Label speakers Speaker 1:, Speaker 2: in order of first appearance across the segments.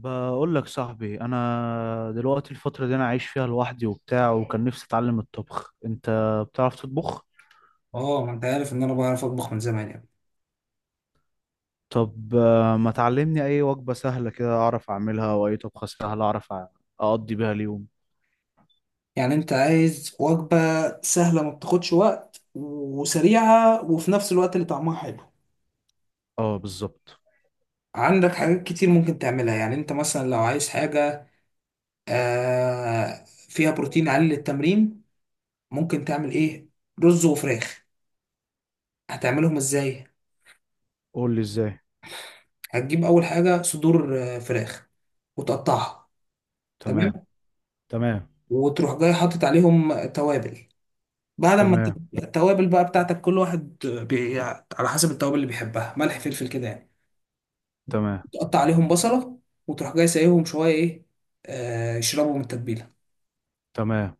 Speaker 1: بقول لك صاحبي، انا دلوقتي الفتره دي انا عايش فيها لوحدي وبتاع، وكان نفسي اتعلم الطبخ. انت بتعرف تطبخ؟
Speaker 2: اه، ما انت عارف ان انا بعرف اطبخ من زمان يعني.
Speaker 1: طب ما تعلمني اي وجبه سهله كده اعرف اعملها، واي طبخه سهله اعرف اقضي بيها اليوم.
Speaker 2: يعني انت عايز وجبة سهلة ما بتاخدش وقت وسريعة وفي نفس الوقت اللي طعمها حلو؟
Speaker 1: اه، بالظبط.
Speaker 2: عندك حاجات كتير ممكن تعملها. يعني انت مثلا لو عايز حاجة فيها بروتين عالي للتمرين، ممكن تعمل ايه؟ رز وفراخ. هتعملهم ازاي؟
Speaker 1: قول لي ازاي.
Speaker 2: هتجيب اول حاجة صدور فراخ وتقطعها.
Speaker 1: تمام.
Speaker 2: تمام.
Speaker 1: تمام.
Speaker 2: وتروح جاي حاطط عليهم توابل بعد ما
Speaker 1: تمام.
Speaker 2: التوابل بقى بتاعتك، كل واحد على حسب التوابل اللي بيحبها، ملح فلفل كده يعني.
Speaker 1: تمام.
Speaker 2: تقطع عليهم بصلة، وتروح جاي سايبهم شوية ايه، يشربوا من التتبيلة.
Speaker 1: تمام.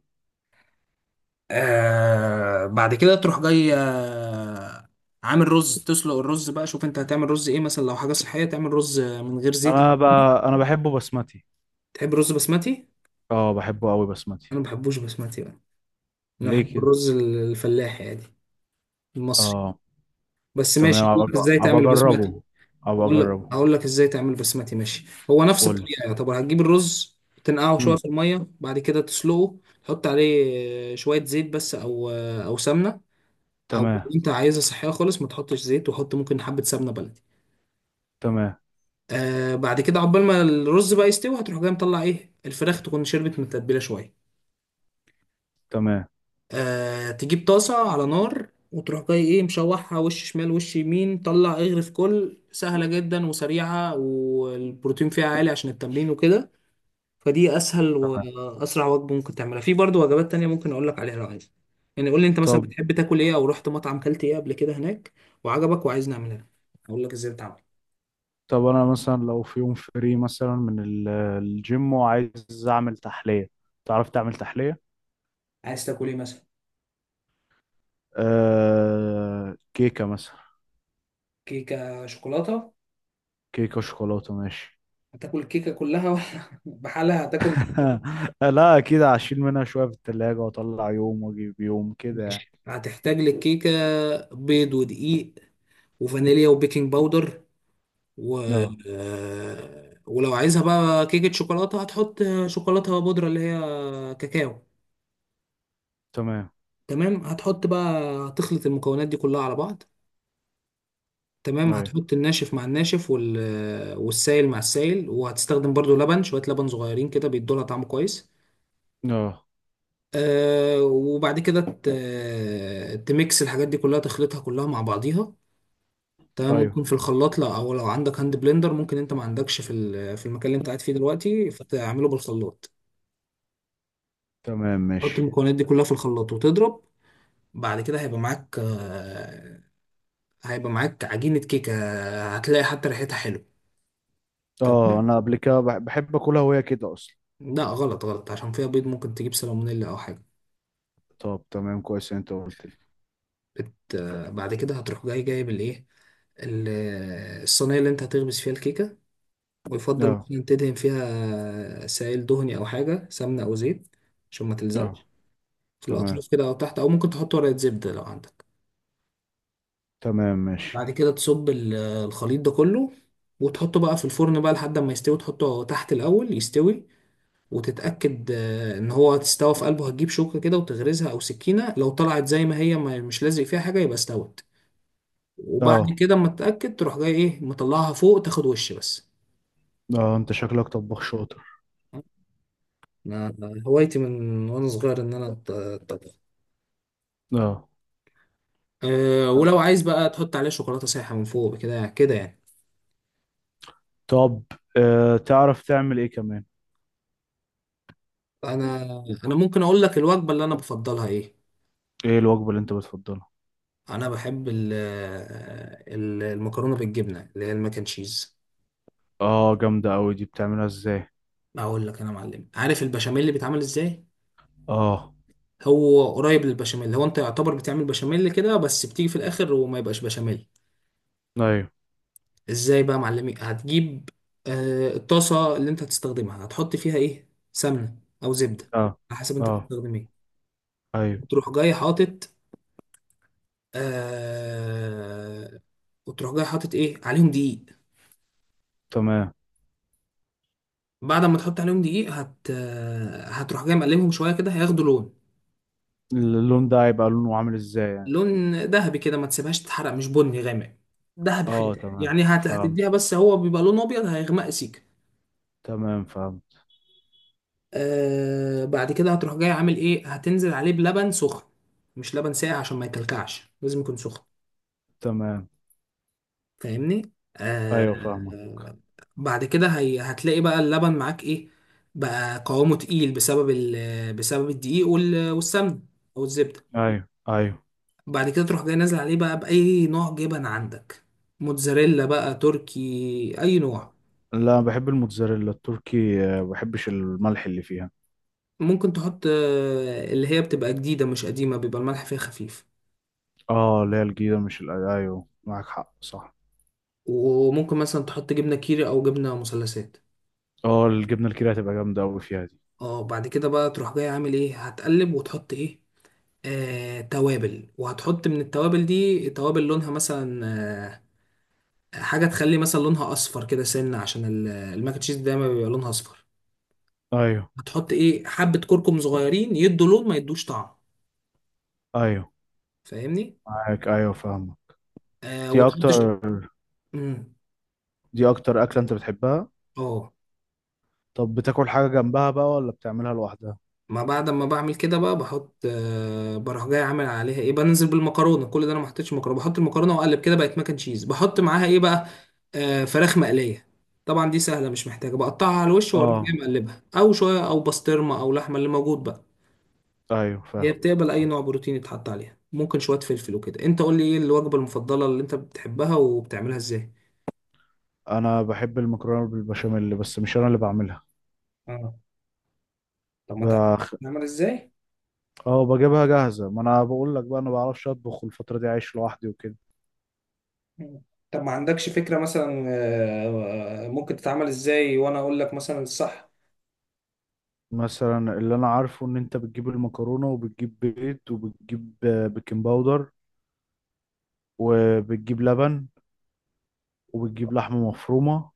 Speaker 2: بعد كده تروح جاي عامل رز، تسلق الرز بقى. شوف انت هتعمل رز ايه، مثلا لو حاجة صحية تعمل رز من غير زيت.
Speaker 1: انا بقى انا بحبه بسمتي.
Speaker 2: تحب رز بسمتي؟
Speaker 1: اه، بحبه قوي بسمتي.
Speaker 2: انا ما بحبوش بسمتي بقى، انا
Speaker 1: ليه
Speaker 2: بحب
Speaker 1: كده؟
Speaker 2: الرز الفلاحي عادي، المصري.
Speaker 1: اه.
Speaker 2: بس ماشي،
Speaker 1: تمام،
Speaker 2: أقولك
Speaker 1: ابقى
Speaker 2: ازاي
Speaker 1: أبقى
Speaker 2: تعمل بسمتي.
Speaker 1: اجربه. ابقى
Speaker 2: اقول لك
Speaker 1: اجربه.
Speaker 2: اقول لك ازاي تعمل بسمتي، ماشي. هو نفس
Speaker 1: قول لي.
Speaker 2: الطريقه يعتبر. هتجيب الرز تنقعه شويه
Speaker 1: مم.
Speaker 2: في الميه، بعد كده تسلقه. تحط عليه شويه زيت بس، او سمنه. او
Speaker 1: تمام.
Speaker 2: انت عايزها صحيه خالص ما تحطش زيت، وحط ممكن حبه سمنه بلدي.
Speaker 1: تمام.
Speaker 2: بعد كده عقبال ما الرز بقى يستوي، هتروح جاي مطلع ايه الفراخ، تكون شربت من التتبيله شويه.
Speaker 1: تمام.
Speaker 2: تجيب طاسه على نار وتروح جاي ايه مشوحها وش شمال وش يمين، طلع اغرف. كل سهله جدا وسريعه، والبروتين فيها عالي عشان التمرين وكده. فدي اسهل
Speaker 1: تمام.
Speaker 2: واسرع وجبه ممكن تعملها، في برضو وجبات تانية ممكن اقول لك عليها لو عايز. يعني قول لي انت مثلا
Speaker 1: طب
Speaker 2: بتحب تاكل ايه، او رحت مطعم كلت ايه قبل كده هناك وعجبك وعايز نعملها لك، اقول لك ازاي بتعمل.
Speaker 1: طب انا مثلا لو في يوم فري مثلا من الجيم وعايز اعمل تحلية. تعرف تعمل تحلية؟
Speaker 2: عايز تاكل ايه مثلا؟
Speaker 1: كيكة مثلا.
Speaker 2: كيكه شوكولاته؟
Speaker 1: كيكة شوكولاتة ماشي.
Speaker 2: هتاكل الكيكه كلها ولا بحالها هتاكل؟
Speaker 1: لا، اكيد هشيل منها شوية في التلاجة واطلع يوم واجيب يوم كده يعني.
Speaker 2: ماشي، هتحتاج للكيكه بيض ودقيق وفانيليا وبيكنج باودر و
Speaker 1: اه.
Speaker 2: ولو عايزها بقى كيكه شوكولاته هتحط شوكولاته بودره، اللي هي كاكاو.
Speaker 1: تمام.
Speaker 2: تمام، هتحط بقى، هتخلط المكونات دي كلها على بعض. تمام،
Speaker 1: ايوه.
Speaker 2: هتحط الناشف مع الناشف والسائل مع السائل. وهتستخدم برضو لبن، شوية لبن صغيرين كده بيدولها طعم كويس.
Speaker 1: اه.
Speaker 2: وبعد كده تميكس الحاجات دي كلها، تخلطها كلها مع بعضيها. تمام،
Speaker 1: ايوه.
Speaker 2: ممكن في الخلاط. لا او لو عندك هاند بلندر، ممكن انت ما عندكش في المكان اللي انت قاعد فيه دلوقتي، فتعمله بالخلاط.
Speaker 1: تمام
Speaker 2: تحط
Speaker 1: ماشي.
Speaker 2: المكونات دي كلها في الخلاط وتضرب. بعد كده هيبقى معاك عجينة كيكة، هتلاقي حتى ريحتها حلوة. طب
Speaker 1: اه، انا قبل كده بحب اكلها وهي كده اصلا.
Speaker 2: لا، غلط غلط، عشان فيها بيض ممكن تجيب سالمونيلا او حاجه.
Speaker 1: طب تمام، كويس إن انت قلت لي.
Speaker 2: بت... آه، بعد كده هتروح جاي جايب الايه، الصينيه اللي انت هتخبز فيها الكيكه. ويفضل
Speaker 1: اه.
Speaker 2: مثلا تدهن فيها سائل دهني او حاجه، سمنه او زيت، عشان ما تلزقش
Speaker 1: اه.
Speaker 2: في
Speaker 1: تمام.
Speaker 2: الاطراف كده او تحت، او ممكن تحط ورقه زبده لو عندك.
Speaker 1: تمام ماشي.
Speaker 2: بعد كده تصب الخليط ده كله، وتحطه بقى في الفرن بقى لحد ما يستوي. تحطه تحت الاول يستوي، وتتأكد ان هو تستوى في قلبه. هتجيب شوكة كده وتغرزها او سكينة، لو طلعت زي ما هي ما مش لازق فيها حاجة يبقى استوت. وبعد
Speaker 1: اه.
Speaker 2: كده اما تتأكد تروح جاي ايه مطلعها فوق، تاخد وش بس.
Speaker 1: اه، انت شكلك طباخ شاطر.
Speaker 2: أنا هوايتي من وانا صغير ان انا اطبخ.
Speaker 1: اه.
Speaker 2: ولو عايز بقى تحط عليها شوكولاتة سايحة من فوق، كده كده يعني.
Speaker 1: طب تعرف تعمل ايه كمان؟
Speaker 2: انا انا ممكن اقول لك الوجبة اللي انا بفضلها ايه.
Speaker 1: ايه الوجبة اللي انت بتفضلها؟
Speaker 2: انا بحب المكرونة بالجبنة، اللي هي الماك اند تشيز.
Speaker 1: اه، جامدة قوي دي، بتعملها ازاي؟
Speaker 2: اقول لك انا معلم، عارف البشاميل اللي بيتعمل ازاي؟
Speaker 1: اه.
Speaker 2: هو قريب للبشاميل. هو انت يعتبر بتعمل بشاميل كده، بس بتيجي في الاخر وما يبقاش بشاميل.
Speaker 1: ايوه.
Speaker 2: ازاي بقى يا معلمي؟ هتجيب الطاسه اللي انت هتستخدمها، هتحط فيها ايه، سمنه او زبده
Speaker 1: اه.
Speaker 2: على حسب انت
Speaker 1: اه.
Speaker 2: بتستخدم ايه.
Speaker 1: ايوه.
Speaker 2: وتروح جاي حاطط آه وتروح جاي حاطط ايه عليهم، دقيق.
Speaker 1: تمام.
Speaker 2: بعد ما تحط عليهم دقيق، هت آه، هتروح جاي مقلبهم شويه كده، هياخدوا لون.
Speaker 1: اللون ده هيبقى لونه عامل ازاي يعني؟
Speaker 2: لون ذهبي كده، ما تسيبهاش تتحرق، مش بني غامق. ذهبي
Speaker 1: اه
Speaker 2: فاتح
Speaker 1: تمام
Speaker 2: يعني،
Speaker 1: فاهم.
Speaker 2: هتديها بس. هو بيبقى لون ابيض هيغمق سيكه.
Speaker 1: تمام فاهم.
Speaker 2: بعد كده هتروح جاي عامل ايه، هتنزل عليه بلبن سخن. مش لبن ساقع، عشان ما يكلكعش لازم يكون سخن.
Speaker 1: تمام
Speaker 2: فاهمني؟ آه.
Speaker 1: ايوه فاهمة.
Speaker 2: آه، بعد كده هي هتلاقي بقى اللبن معاك ايه، بقى قوامه تقيل بسبب بسبب الدقيق والسمن او الزبده.
Speaker 1: ايوه. ايوه.
Speaker 2: بعد كده تروح جاي نازل عليه بقى باي نوع جبن عندك، موتزاريلا بقى تركي، اي نوع.
Speaker 1: لا، بحب الموتزاريلا التركي، ما بحبش الملح اللي فيها.
Speaker 2: ممكن تحط اللي هي بتبقى جديده مش قديمه، بيبقى الملح فيها خفيف.
Speaker 1: اه، اللي هي الجديدة مش ايوه، معاك حق، صح.
Speaker 2: وممكن مثلا تحط جبنة كيري او جبنة مثلثات.
Speaker 1: اه، الجبنة الكيري هتبقى جامدة قوي فيها دي.
Speaker 2: اه، بعد كده بقى تروح جاي عامل ايه، هتقلب وتحط ايه، توابل. وهتحط من التوابل دي توابل لونها مثلا آه، حاجة تخلي مثلا لونها أصفر كده سنة، عشان الماك أند تشيز دايما بيبقى لونها أصفر.
Speaker 1: ايوه.
Speaker 2: هتحط إيه، حبة كركم صغيرين، يدوا لون ما يدوش طعم.
Speaker 1: ايوه
Speaker 2: فاهمني؟
Speaker 1: معاك، ايوه فاهمة. دي
Speaker 2: وتحط
Speaker 1: اكتر
Speaker 2: مم.
Speaker 1: دي اكتر اكلة انت بتحبها؟
Speaker 2: اه،
Speaker 1: طب بتاكل حاجة جنبها بقى، ولا بتعملها لوحدها؟
Speaker 2: ما بعد ما بعمل كده بقى بحط بروح جاي عامل عليها ايه، بنزل بالمكرونه. كل ده انا ما حطيتش مكرونه، بحط المكرونه واقلب كده، بقت ماكن تشيز. بحط معاها ايه بقى، فراخ مقليه. طبعا دي سهله مش محتاجه، بقطعها على الوش واروح جاي
Speaker 1: اه.
Speaker 2: مقلبها. او شويه او بسطرمه او لحمه اللي موجود بقى،
Speaker 1: ايوه
Speaker 2: هي
Speaker 1: فاهم.
Speaker 2: بتقبل اي نوع بروتين يتحط عليها، ممكن شويه فلفل وكده. انت قول لي ايه الوجبه المفضله اللي انت بتحبها وبتعملها ازاي.
Speaker 1: انا بحب المكرونة بالبشاميل، بس مش انا اللي بعملها.
Speaker 2: اه. طب، ما تعرف
Speaker 1: بخ...
Speaker 2: نعمل ازاي؟
Speaker 1: اه، بجيبها جاهزة. ما انا بقول لك بقى انا بعرفش اطبخ، الفترة دي عايش لوحدي وكده.
Speaker 2: مم. طب ما عندكش فكرة مثلا ممكن تتعمل ازاي، وانا اقول لك مثلا الصح.
Speaker 1: مثلا اللي انا عارفه ان انت بتجيب المكرونة، وبتجيب بيض، وبتجيب بيكنج باودر، وبتجيب لبن، وبتجيب لحمة مفرومة،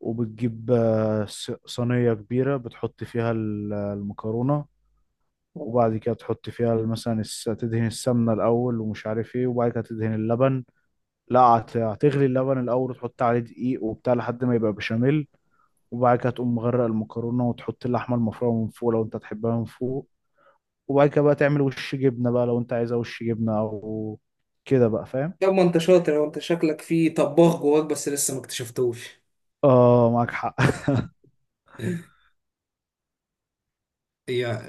Speaker 1: وبتجيب صينية كبيرة بتحط فيها المكرونة.
Speaker 2: طب،
Speaker 1: وبعد كده تحط فيها مثلا تدهن السمنة الأول ومش عارف ايه، وبعد كده تدهن اللبن. لا، هتغلي اللبن الأول وتحط عليه دقيق وبتاع لحد ما يبقى بشاميل. وبعد كده تقوم مغرق المكرونة وتحط اللحمة المفرومة من فوق لو انت تحبها من فوق. وبعد كده بقى تعمل وش جبنة بقى، لو انت عايزة وش جبنة أو كده بقى فاهم.
Speaker 2: ما انت شاطر، وانت شكلك فيه طباخ جواك بس لسه ما اكتشفتوش.
Speaker 1: اه، معاك حق.
Speaker 2: هي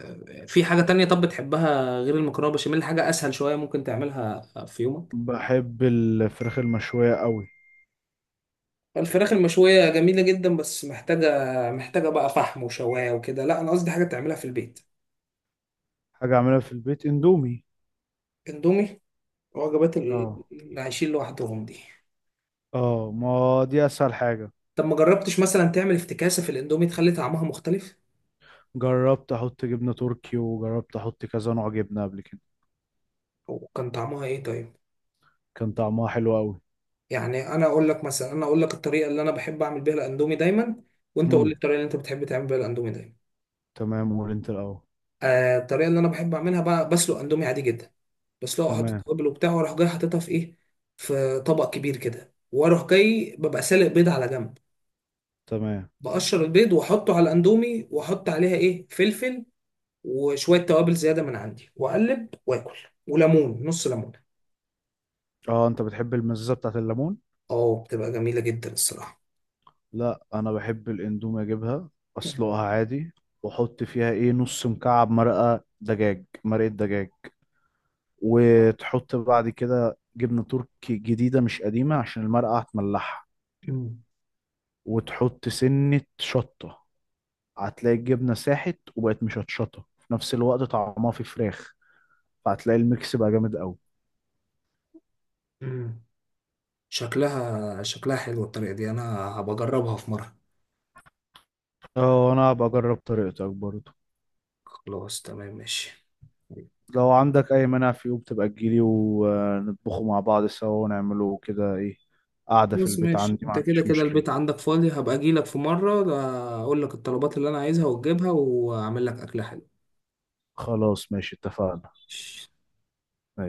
Speaker 2: في حاجة تانية طب بتحبها غير المكرونة بشاميل، حاجة أسهل شوية ممكن تعملها في يومك؟
Speaker 1: بحب الفراخ المشوية قوي.
Speaker 2: الفراخ المشوية جميلة جدا، بس محتاجة. محتاجة بقى فحم وشواية وكده، لا أنا قصدي حاجة تعملها في البيت.
Speaker 1: حاجة أعملها في البيت، اندومي.
Speaker 2: اندومي. وجبات
Speaker 1: اه.
Speaker 2: اللي عايشين لوحدهم دي.
Speaker 1: اه، ما دي اسهل حاجة.
Speaker 2: طب ما جربتش مثلا تعمل افتكاسة في الاندومي تخلي طعمها مختلف؟
Speaker 1: جربت احط جبنة تركي، وجربت احط كذا نوع جبنة قبل كده.
Speaker 2: وكان طعمها ايه طيب؟
Speaker 1: كان طعمها حلو قوي.
Speaker 2: يعني انا اقول لك الطريقه اللي انا بحب اعمل بيها الاندومي دايما، وانت قول لي
Speaker 1: امم.
Speaker 2: الطريقه اللي انت بتحب تعمل بيها الاندومي دايما.
Speaker 1: تمام، قول انت الاول.
Speaker 2: الطريقه اللي انا بحب اعملها بقى، بسلق اندومي عادي جدا، بسلقه احط
Speaker 1: تمام.
Speaker 2: توابل وبتاع، واروح جاي حاططها في ايه، في طبق كبير كده. واروح جاي ببقى سالق بيض على جنب،
Speaker 1: تمام.
Speaker 2: بقشر البيض واحطه على الاندومي، واحط عليها ايه، فلفل وشويه توابل زياده من عندي، واقلب واكل، وليمون، نص ليمونه.
Speaker 1: اه، انت بتحب المزازة بتاعت الليمون؟
Speaker 2: اه، بتبقى جميله جدا الصراحه.
Speaker 1: لا، انا بحب الاندومي اجيبها، اسلقها عادي. واحط فيها ايه نص مكعب مرقة دجاج، مرقة دجاج. وتحط بعد كده جبنة تركي جديدة مش قديمة عشان المرقة هتملحها.
Speaker 2: مم.
Speaker 1: وتحط سنة شطة. هتلاقي الجبنة ساحت وبقت مشطشطة في نفس الوقت، طعمها في فراخ. فهتلاقي الميكس بقى جامد قوي.
Speaker 2: مم. شكلها شكلها حلو الطريقة دي، أنا هبجربها في مرة.
Speaker 1: اه، انا هبقى اجرب طريقتك برضه.
Speaker 2: خلاص تمام ماشي.
Speaker 1: لو عندك اي مانع، في يوم تبقى تجيلي ونطبخه مع بعض سوا، ونعمله كده ايه. قاعدة في
Speaker 2: خلاص
Speaker 1: البيت
Speaker 2: ماشي،
Speaker 1: عندي، ما
Speaker 2: أنت كده
Speaker 1: عنديش
Speaker 2: كده
Speaker 1: مشكلة.
Speaker 2: البيت عندك فاضي، هبقى أجيلك في مرة، أقول لك الطلبات اللي أنا عايزها وتجيبها وأعمل لك أكلة
Speaker 1: خلاص ماشي، اتفقنا.
Speaker 2: حلوة.